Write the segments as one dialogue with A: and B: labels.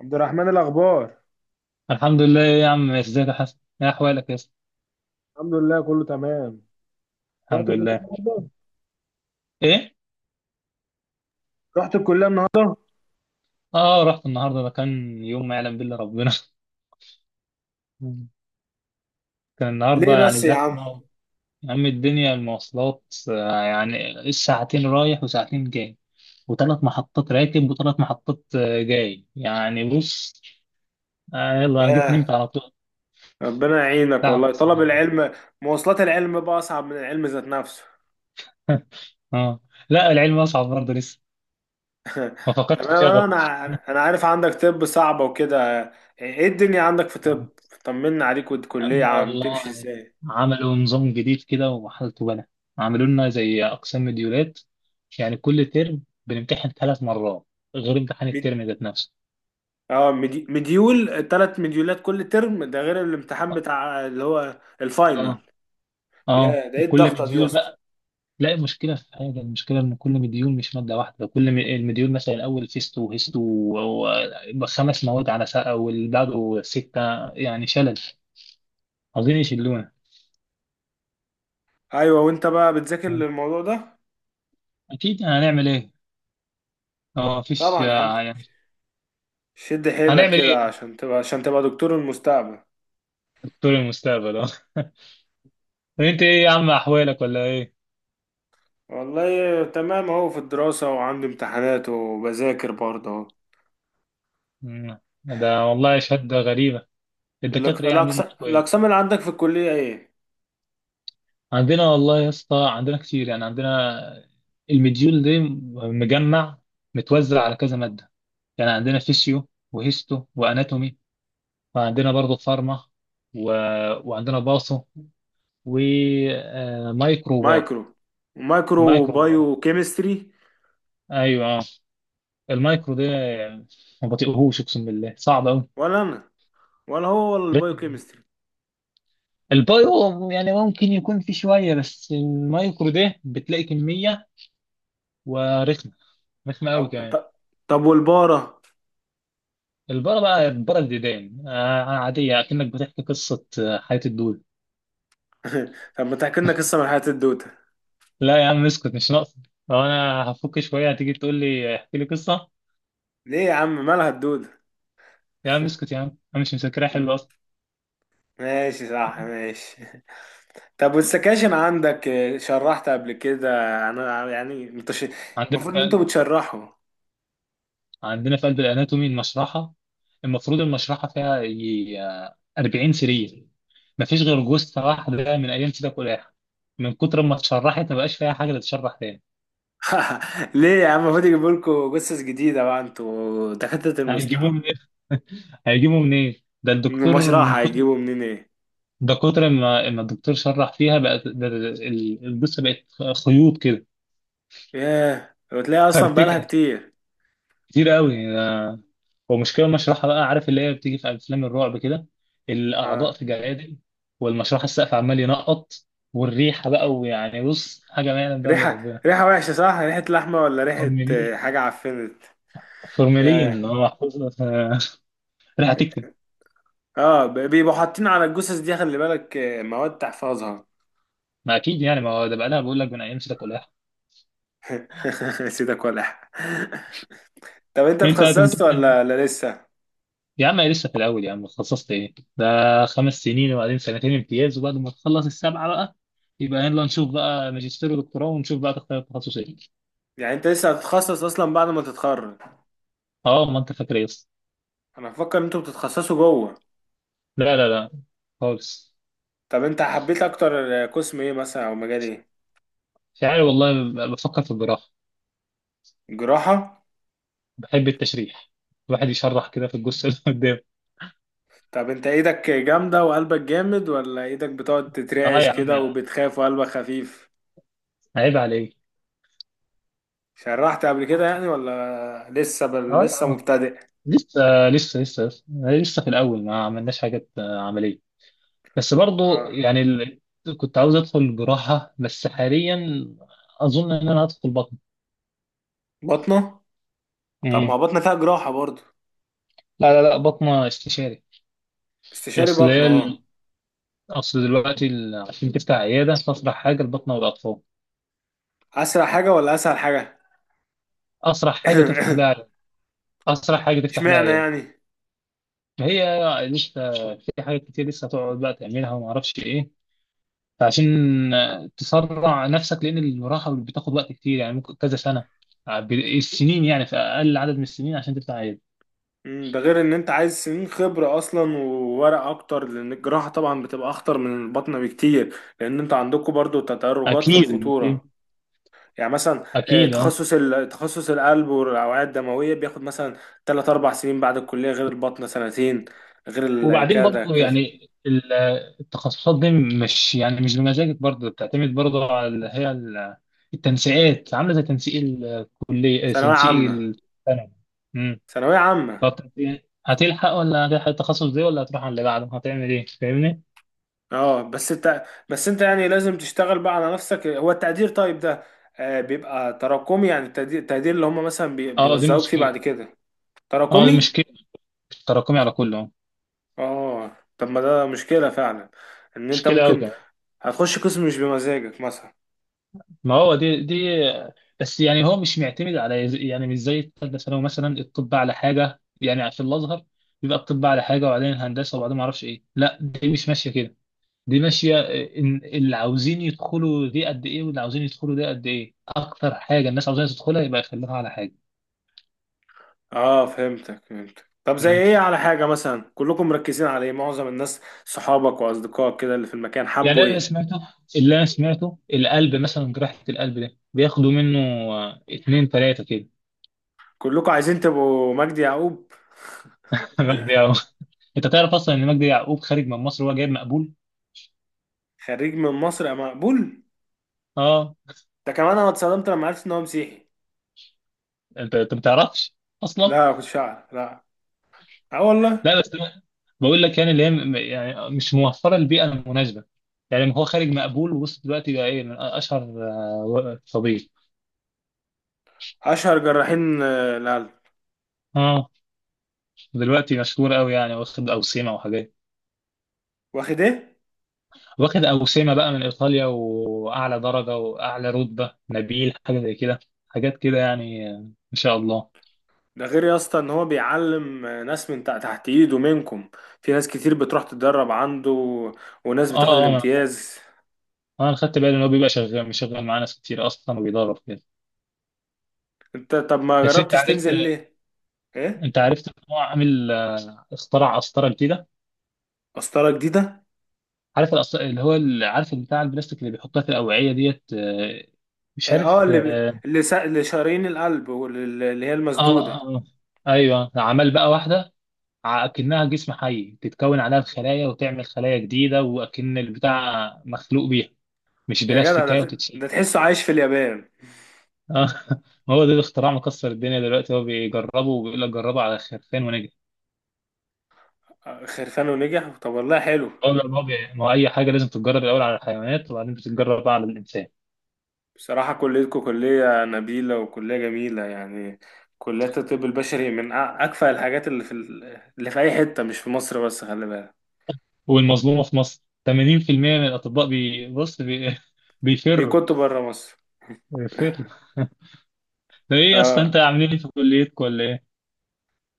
A: عبد الرحمن الاخبار.
B: الحمد لله يا عم، ازيك يا حسن؟ ايه احوالك يا اسطى؟
A: الحمد لله كله تمام. رحت
B: الحمد
A: الكليه
B: لله.
A: النهارده.
B: ايه؟
A: رحت الكليه النهارده.
B: اه، رحت النهارده. ده كان يوم ما يعلم بالله ربنا. كان النهارده
A: ليه
B: يعني
A: بس يا عم؟
B: زحمه. يا عم الدنيا المواصلات يعني ساعتين رايح وساعتين جاي، وثلاث محطات راكب وثلاث محطات جاي. يعني بص، يلا انا جيت
A: ياه.
B: نمت على طول.
A: ربنا يعينك
B: تعب
A: والله،
B: أقسم
A: طلب
B: بالله.
A: العلم. مواصلات العلم بقى اصعب من العلم ذات نفسه.
B: اه. لا، العلم اصعب برضه لسه. ما فكرتش في
A: تمام،
B: شغفه.
A: انا عارف عندك طب صعبه وكده. ايه الدنيا عندك في طب؟ طمنا عليك، والكليه عم تمشي
B: والله
A: ازاي؟
B: عملوا نظام جديد كده وحالته بلا. عملوا لنا زي أقسام مديولات. يعني كل ترم بنمتحن 3 مرات، غير امتحان
A: مد...
B: الترم ذات نفسه.
A: مديول، ثلاث مديولات كل ترم، ده غير الامتحان بتاع اللي هو الفاينل.
B: اه. اه،
A: يا ده ايه
B: وكل
A: الضغطه دي يا
B: مديول
A: اسطى؟
B: بقى. لا، المشكلة في حاجة، المشكلة إن كل مديول مش مادة واحدة. المديول مثلا الأول فيستو وهيستو و5 مواد على ساعة، والبعده ستة، يعني شلل. عاوزين يشلونا.
A: ايوه، وانت بقى بتذاكر للموضوع ده؟
B: أكيد هنعمل إيه؟ اه، مفيش
A: طبعا يا عم.
B: يعني
A: شد حيلك
B: هنعمل إيه
A: كده
B: في؟
A: عشان تبقى دكتور المستقبل.
B: دكتور المستقبل اه. انت ايه يا عم؟ احوالك ولا ايه؟
A: والله تمام اهو، في الدراسة وعندي امتحانات وبذاكر برضه اهو.
B: مم. ده والله شهادة غريبة. الدكاترة ايه عاملين معاكوا ايه؟
A: الأقسام اللي عندك في الكلية ايه؟
B: عندنا والله يا اسطى، عندنا كتير يعني. عندنا المديول دي مجمع، متوزع على كذا مادة. يعني عندنا فيسيو وهيستو واناتومي، وعندنا برضه فارما و... وعندنا باصو ومايكرو وبار.
A: مايكرو. مايكرو
B: مايكرو وبار.
A: بايو كيمستري.
B: ايوه اه. المايكرو ده ما بطيقهوش، اقسم بالله صعب قوي.
A: ولا أنا، ولا هو ولا البايو كيمستري.
B: البايو يعني ممكن يكون في شوية، بس المايكرو ده بتلاقي كمية ورخمة. رخمة قوي
A: طب
B: كمان.
A: طب طب والبارة.
B: البره بقى، البره الديدان عادية، أكنك بتحكي قصة، حياة الدول.
A: طب ما تحكي لنا قصة من حياة الدودة.
B: لا يا عم اسكت، مش ناقصة. لو أنا هفك شوية هتيجي تقول لي احكي لي قصة.
A: ليه يا عم، مالها الدودة؟
B: يا عم اسكت، يا عم أنا مش مذاكرها حلو أصلا.
A: ماشي، صح، ماشي. طب والسكاشن عندك، شرحت قبل كده؟ انا يعني
B: عندنا.
A: المفروض ان انتوا بتشرحوا.
B: عندنا في قلب الاناتومي المشرحه. المفروض المشرحه فيها يجي 40 سرير. مفيش غير جثه واحده من ايام سيدك ولاحة، من كتر ما اتشرحت ما بقاش فيها حاجه تتشرح تاني.
A: ليه يا عم؟ المفروض يجيبوا لكم جثث جديدة بقى، انتوا دكاترة
B: هيجيبوه
A: المستقبل.
B: منين؟ هيجيبوه منين؟ ده
A: من
B: الدكتور من
A: المشرحة
B: كتر.
A: هيجيبوا منين ايه.
B: ده كتر ما الدكتور شرح فيها، بقت الجثه بقت خيوط كده،
A: ياه، وتلاقي اصلا بقالها
B: فرتكه،
A: كتير.
B: كتير قوي. هو مشكلة المشرحة بقى، عارف اللي هي بتيجي في أفلام الرعب كده؟ الأعضاء
A: اه،
B: في جلادل، والمشرحة السقف عمال ينقط، والريحة بقى، ويعني بص حاجة ما يعلم بها إلا
A: ريحة؟
B: ربنا.
A: ريحة وحشة؟ صح، ريحة لحمة ولا ريحة
B: فورمالين.
A: حاجة عفنت؟
B: فورمالين اللي
A: ياه.
B: هو محفوظة ريحة تكتم.
A: اه، بيبقوا حاطين على الجثث دي، خلي بالك، مواد تحفظها.
B: ما أكيد يعني، ما هو ده بقى لها، بقول لك من أيام سيدك ولاح.
A: سيدك ولع. طب انت
B: أنت
A: اتخصصت
B: هتمتحن؟
A: ولا لسه؟
B: يا عم أنا لسه في الأول، يا عم اتخصصت إيه ده؟ 5 سنين وبعدين سنتين امتياز، وبعد ما تخلص السبعة بقى يبقى يلا نشوف بقى ماجستير ودكتوراه، ونشوف بقى تختار التخصص إيه.
A: يعني انت لسه هتتخصص اصلا بعد ما تتخرج؟
B: أه، ما أنت فاكر إيه أصلا؟
A: انا بفكر ان انتوا بتتخصصوا جوه.
B: لا لا لا خالص.
A: طب انت حبيت اكتر قسم ايه مثلا، او مجال ايه؟
B: مش عارف والله، بفكر في الجراحة.
A: جراحة.
B: بحب التشريح، الواحد يشرح كده في الجثة اللي قدام.
A: طب انت ايدك جامدة وقلبك جامد، ولا ايدك بتقعد
B: اه
A: تترعش
B: يا عم،
A: كده وبتخاف وقلبك خفيف؟
B: عيب عليك.
A: شرحت قبل كده يعني، ولا لسه
B: اه يا
A: لسه
B: عم.
A: مبتدئ؟
B: لسه. لسه في الأول، ما عملناش حاجات عملية. بس برضو
A: اه.
B: يعني كنت عاوز أدخل جراحة، بس حاليا أظن إن أنا هدخل بطن.
A: بطنة. طب ما
B: مم.
A: هو بطنة فيها جراحة برضو.
B: لا لا لا، بطنة استشاري.
A: استشاري
B: أصل
A: بطنة،
B: هي
A: اه.
B: ال- أصل دلوقتي عشان تفتح عيادة فأسرع حاجة البطنة والأطفال.
A: اسرع حاجة ولا اسهل حاجة؟
B: أسرع حاجة تفتح بيها عيادة. أسرع حاجة تفتح بيها
A: اشمعنى
B: عيادة.
A: يعني؟
B: هي لسه. في حاجات كتير لسه هتقعد بقى تعملها وما اعرفش ايه. فعشان تسرع نفسك لان المراحل بتاخد وقت كتير، يعني ممكن كذا سنه. السنين يعني في اقل عدد من السنين عشان تطلع عيل.
A: ده غير ان انت عايز سنين خبرة اصلا وورق اكتر، لان الجراحة طبعا بتبقى اخطر من البطنة بكتير، لان انت عندكم برضو تدرجات في
B: اكيد.
A: الخطورة. يعني مثلا،
B: اكيد اه.
A: تخصص تخصص القلب والاوعية الدموية بياخد مثلا 3 4 سنين بعد الكلية، غير البطنة سنتين. غير
B: وبعدين
A: كذا
B: برضه
A: كذا.
B: يعني التخصصات دي مش يعني مش بمزاجك برضه، بتعتمد برضه على التنسيقات. عامله زي تنسيق الكليه،
A: ثانوية
B: تنسيق
A: عامة.
B: الثانوي.
A: ثانوية عامة.
B: فترة ايه؟ هتلحق ولا هتلحق التخصص دي، ولا هتروح على اللي بعده؟ هتعمل ايه؟ فاهمني؟
A: اه، بس انت يعني لازم تشتغل بقى على نفسك. هو التقدير طيب ده بيبقى تراكمي، يعني التقدير، اللي هم مثلا
B: اه دي
A: بيوزعوك فيه بعد
B: مشكلة.
A: كده.
B: اه دي
A: تراكمي.
B: مشكلة، تراكمي على كله.
A: اه، طب ما ده مشكلة فعلا، ان انت
B: مشكلة قوي
A: ممكن
B: كمان.
A: هتخش قسم مش بمزاجك مثلا.
B: ما هو دي بس، يعني هو مش معتمد على يعني مش زي الثالثة ثانوي. مثلا الطب على حاجة يعني، في الأزهر بيبقى الطب على حاجة وبعدين الهندسة وبعدين ما اعرفش ايه. لا دي مش ماشية كده، دي ماشية إن اللي عاوزين يدخلوا دي قد ايه واللي عاوزين يدخلوا دي قد ايه. اكتر حاجة الناس عاوزين تدخلها يبقى يخلوها على حاجة.
A: اه، فهمتك. طب زي ايه؟ على حاجة مثلا؟ كلكم مركزين على ايه؟ معظم الناس، صحابك واصدقائك كده اللي في المكان،
B: يعني
A: حبوا
B: أنا اللي
A: ايه؟
B: سمعته، اللي أنا سمعته القلب مثلا، جراحة القلب ده بياخدوا منه اتنين تلاتة كده.
A: كلكم عايزين تبقوا مجدي يعقوب.
B: مجدي يعقوب. أنت تعرف أصلا إن مجدي يعقوب خارج من مصر وهو جايب مقبول؟
A: خريج من مصر يا مقبول.
B: أه.
A: ده كمان انا اتصدمت لما عرفت ان هو مسيحي.
B: أنت ما تعرفش أصلا؟
A: لا، كنت شعر، لا. اه والله.
B: لا بس أنا بقول لك يعني، اللي هي يعني مش موفرة البيئة المناسبة. يعني هو خارج مقبول، ووصل دلوقتي بقى إيه من أشهر طبيب.
A: اشهر جراحين، القلب.
B: أه. دلوقتي مشهور أوي يعني، واخد أوسمة وحاجات.
A: واخد ايه؟
B: واخد أوسمة بقى من إيطاليا، وأعلى درجة وأعلى رتبة نبيل، حاجة زي كده. حاجات كده يعني، إن شاء الله.
A: ده غير يا اسطى ان هو بيعلم ناس من تحت ايده منكم، في ناس كتير بتروح تتدرب عنده، وناس
B: آه.
A: بتاخد
B: آه أنا خدت
A: الامتياز.
B: أنا خدت بالي إن هو بيبقى شغال مشغل معاه ناس كتير أصلا، وبيدرب كده.
A: انت طب ما
B: بس
A: جربتش تنزل ليه؟ ايه؟
B: أنت عرفت إن هو عامل اخترع قسطرة جديده.
A: قسطرة جديدة؟
B: عارف الأسط- اللي هو ال- عارف بتاع البلاستيك اللي بيحطها في الأوعية ديت، مش
A: إيه، اه
B: عارف آه.
A: اللي شارين القلب، واللي هي
B: آه،
A: المسدودة.
B: آه، آه. أيوه عمل بقى واحدة أكنها جسم حي، تتكون عليها الخلايا وتعمل خلايا جديدة، وأكن البتاع مخلوق بيها، مش
A: يا جدع،
B: بلاستيكية وتتشيل.
A: ده تحسه عايش في اليابان.
B: آه. ما هو ده الاختراع مكسر الدنيا دلوقتي. هو بيجربه، وبيقول لك جربه على خرفان ونجح.
A: خرفان نجح؟ طب والله حلو.
B: هو لا، ما هو أي حاجة لازم تتجرب الأول على الحيوانات، وبعدين بتتجرب بقى على الإنسان.
A: بصراحة كليتكم كلية نبيلة وكلية جميلة يعني. كليات الطب البشري من أكفأ الحاجات اللي في اللي في أي حتة، مش في مصر بس، خلي بالك.
B: والمظلومة في مصر. 80% من الأطباء بيفروا.
A: بيكونوا بره مصر.
B: بيفروا. ده إيه يا اسطى؟ أنت
A: اه.
B: عاملين إيه في كليتكم ولا إيه؟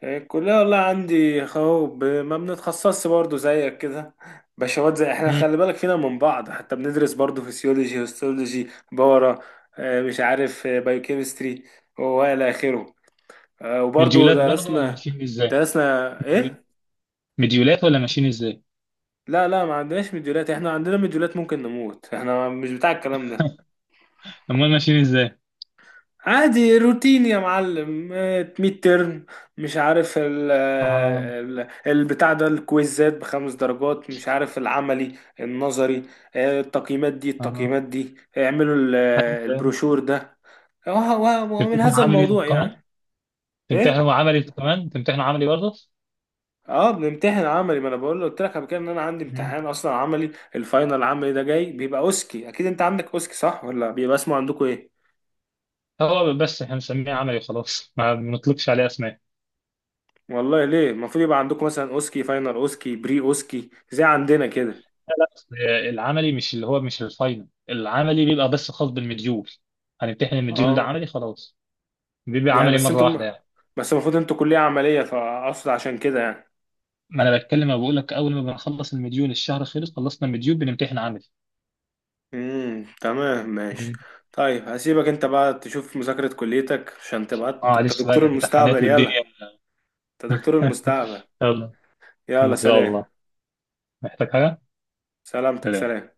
A: الكلية والله عندي اهو، ما بنتخصصش برضه زيك كده. بشوات زي احنا،
B: مم.
A: خلي بالك فينا من بعض. حتى بندرس برضه فيسيولوجي، هيستولوجي، بورا، مش عارف، بايوكيمستري، والى اخره. وبرضه
B: مديولات برضه ولا
A: درسنا.
B: ماشيين إزاي؟
A: درسنا ايه؟
B: مديولات ولا ماشيين إزاي؟
A: لا لا، ما عندناش مديولات. احنا عندنا مديولات ممكن نموت، احنا مش بتاع الكلام ده.
B: أمال ماشيين إزاي؟
A: عادي روتين يا معلم، ميد ترم، مش عارف
B: اه.
A: البتاع ده، الكويزات بخمس درجات، مش عارف العملي النظري، التقييمات دي،
B: اه أيوة،
A: اعملوا
B: أيوة.
A: البروشور ده، ومن
B: تمتحن
A: هذا
B: عملي انت
A: الموضوع يعني.
B: كمان.
A: ايه؟
B: تمتحنوا عملي برضه.
A: اه، بنمتحن عملي، ما انا بقول له، قلت لك قبل كده ان انا عندي
B: مم.
A: امتحان اصلا عملي. الفاينل العملي ده جاي بيبقى اوسكي. اكيد انت عندك اوسكي صح، ولا بيبقى اسمه عندكم ايه؟
B: هو بس احنا بنسميه عملي وخلاص، ما بنطلقش عليه اسماء.
A: والله ليه؟ المفروض يبقى عندكم مثلا اوسكي فاينل، اوسكي بري اوسكي، زي عندنا كده.
B: لا لا، أصل العملي مش اللي هو مش الفاينل. العملي بيبقى بس خاص بالمديول. هنمتحن المديول ده
A: اه.
B: عملي خلاص. بيبقى
A: يعني
B: عملي
A: بس
B: مره واحده
A: انتم،
B: يعني.
A: المفروض انتوا كلية عملية، فاقصد عشان كده يعني.
B: ما انا بتكلم، أنا بقول لك اول ما بنخلص المديول، الشهر خلص، خلصنا المديول بنمتحن عملي.
A: امم، تمام، ماشي.
B: مم.
A: طيب هسيبك انت بقى تشوف مذاكرة كليتك عشان تبقى انت
B: اه لسه بقى
A: دكتور
B: الامتحانات
A: المستقبل،
B: والدنيا.
A: يلا. انت دكتور المستقبل.
B: يلا. ان
A: يلا
B: شاء
A: سلام.
B: الله. محتاج حاجه؟
A: سلامتك،
B: سلام.
A: سلام.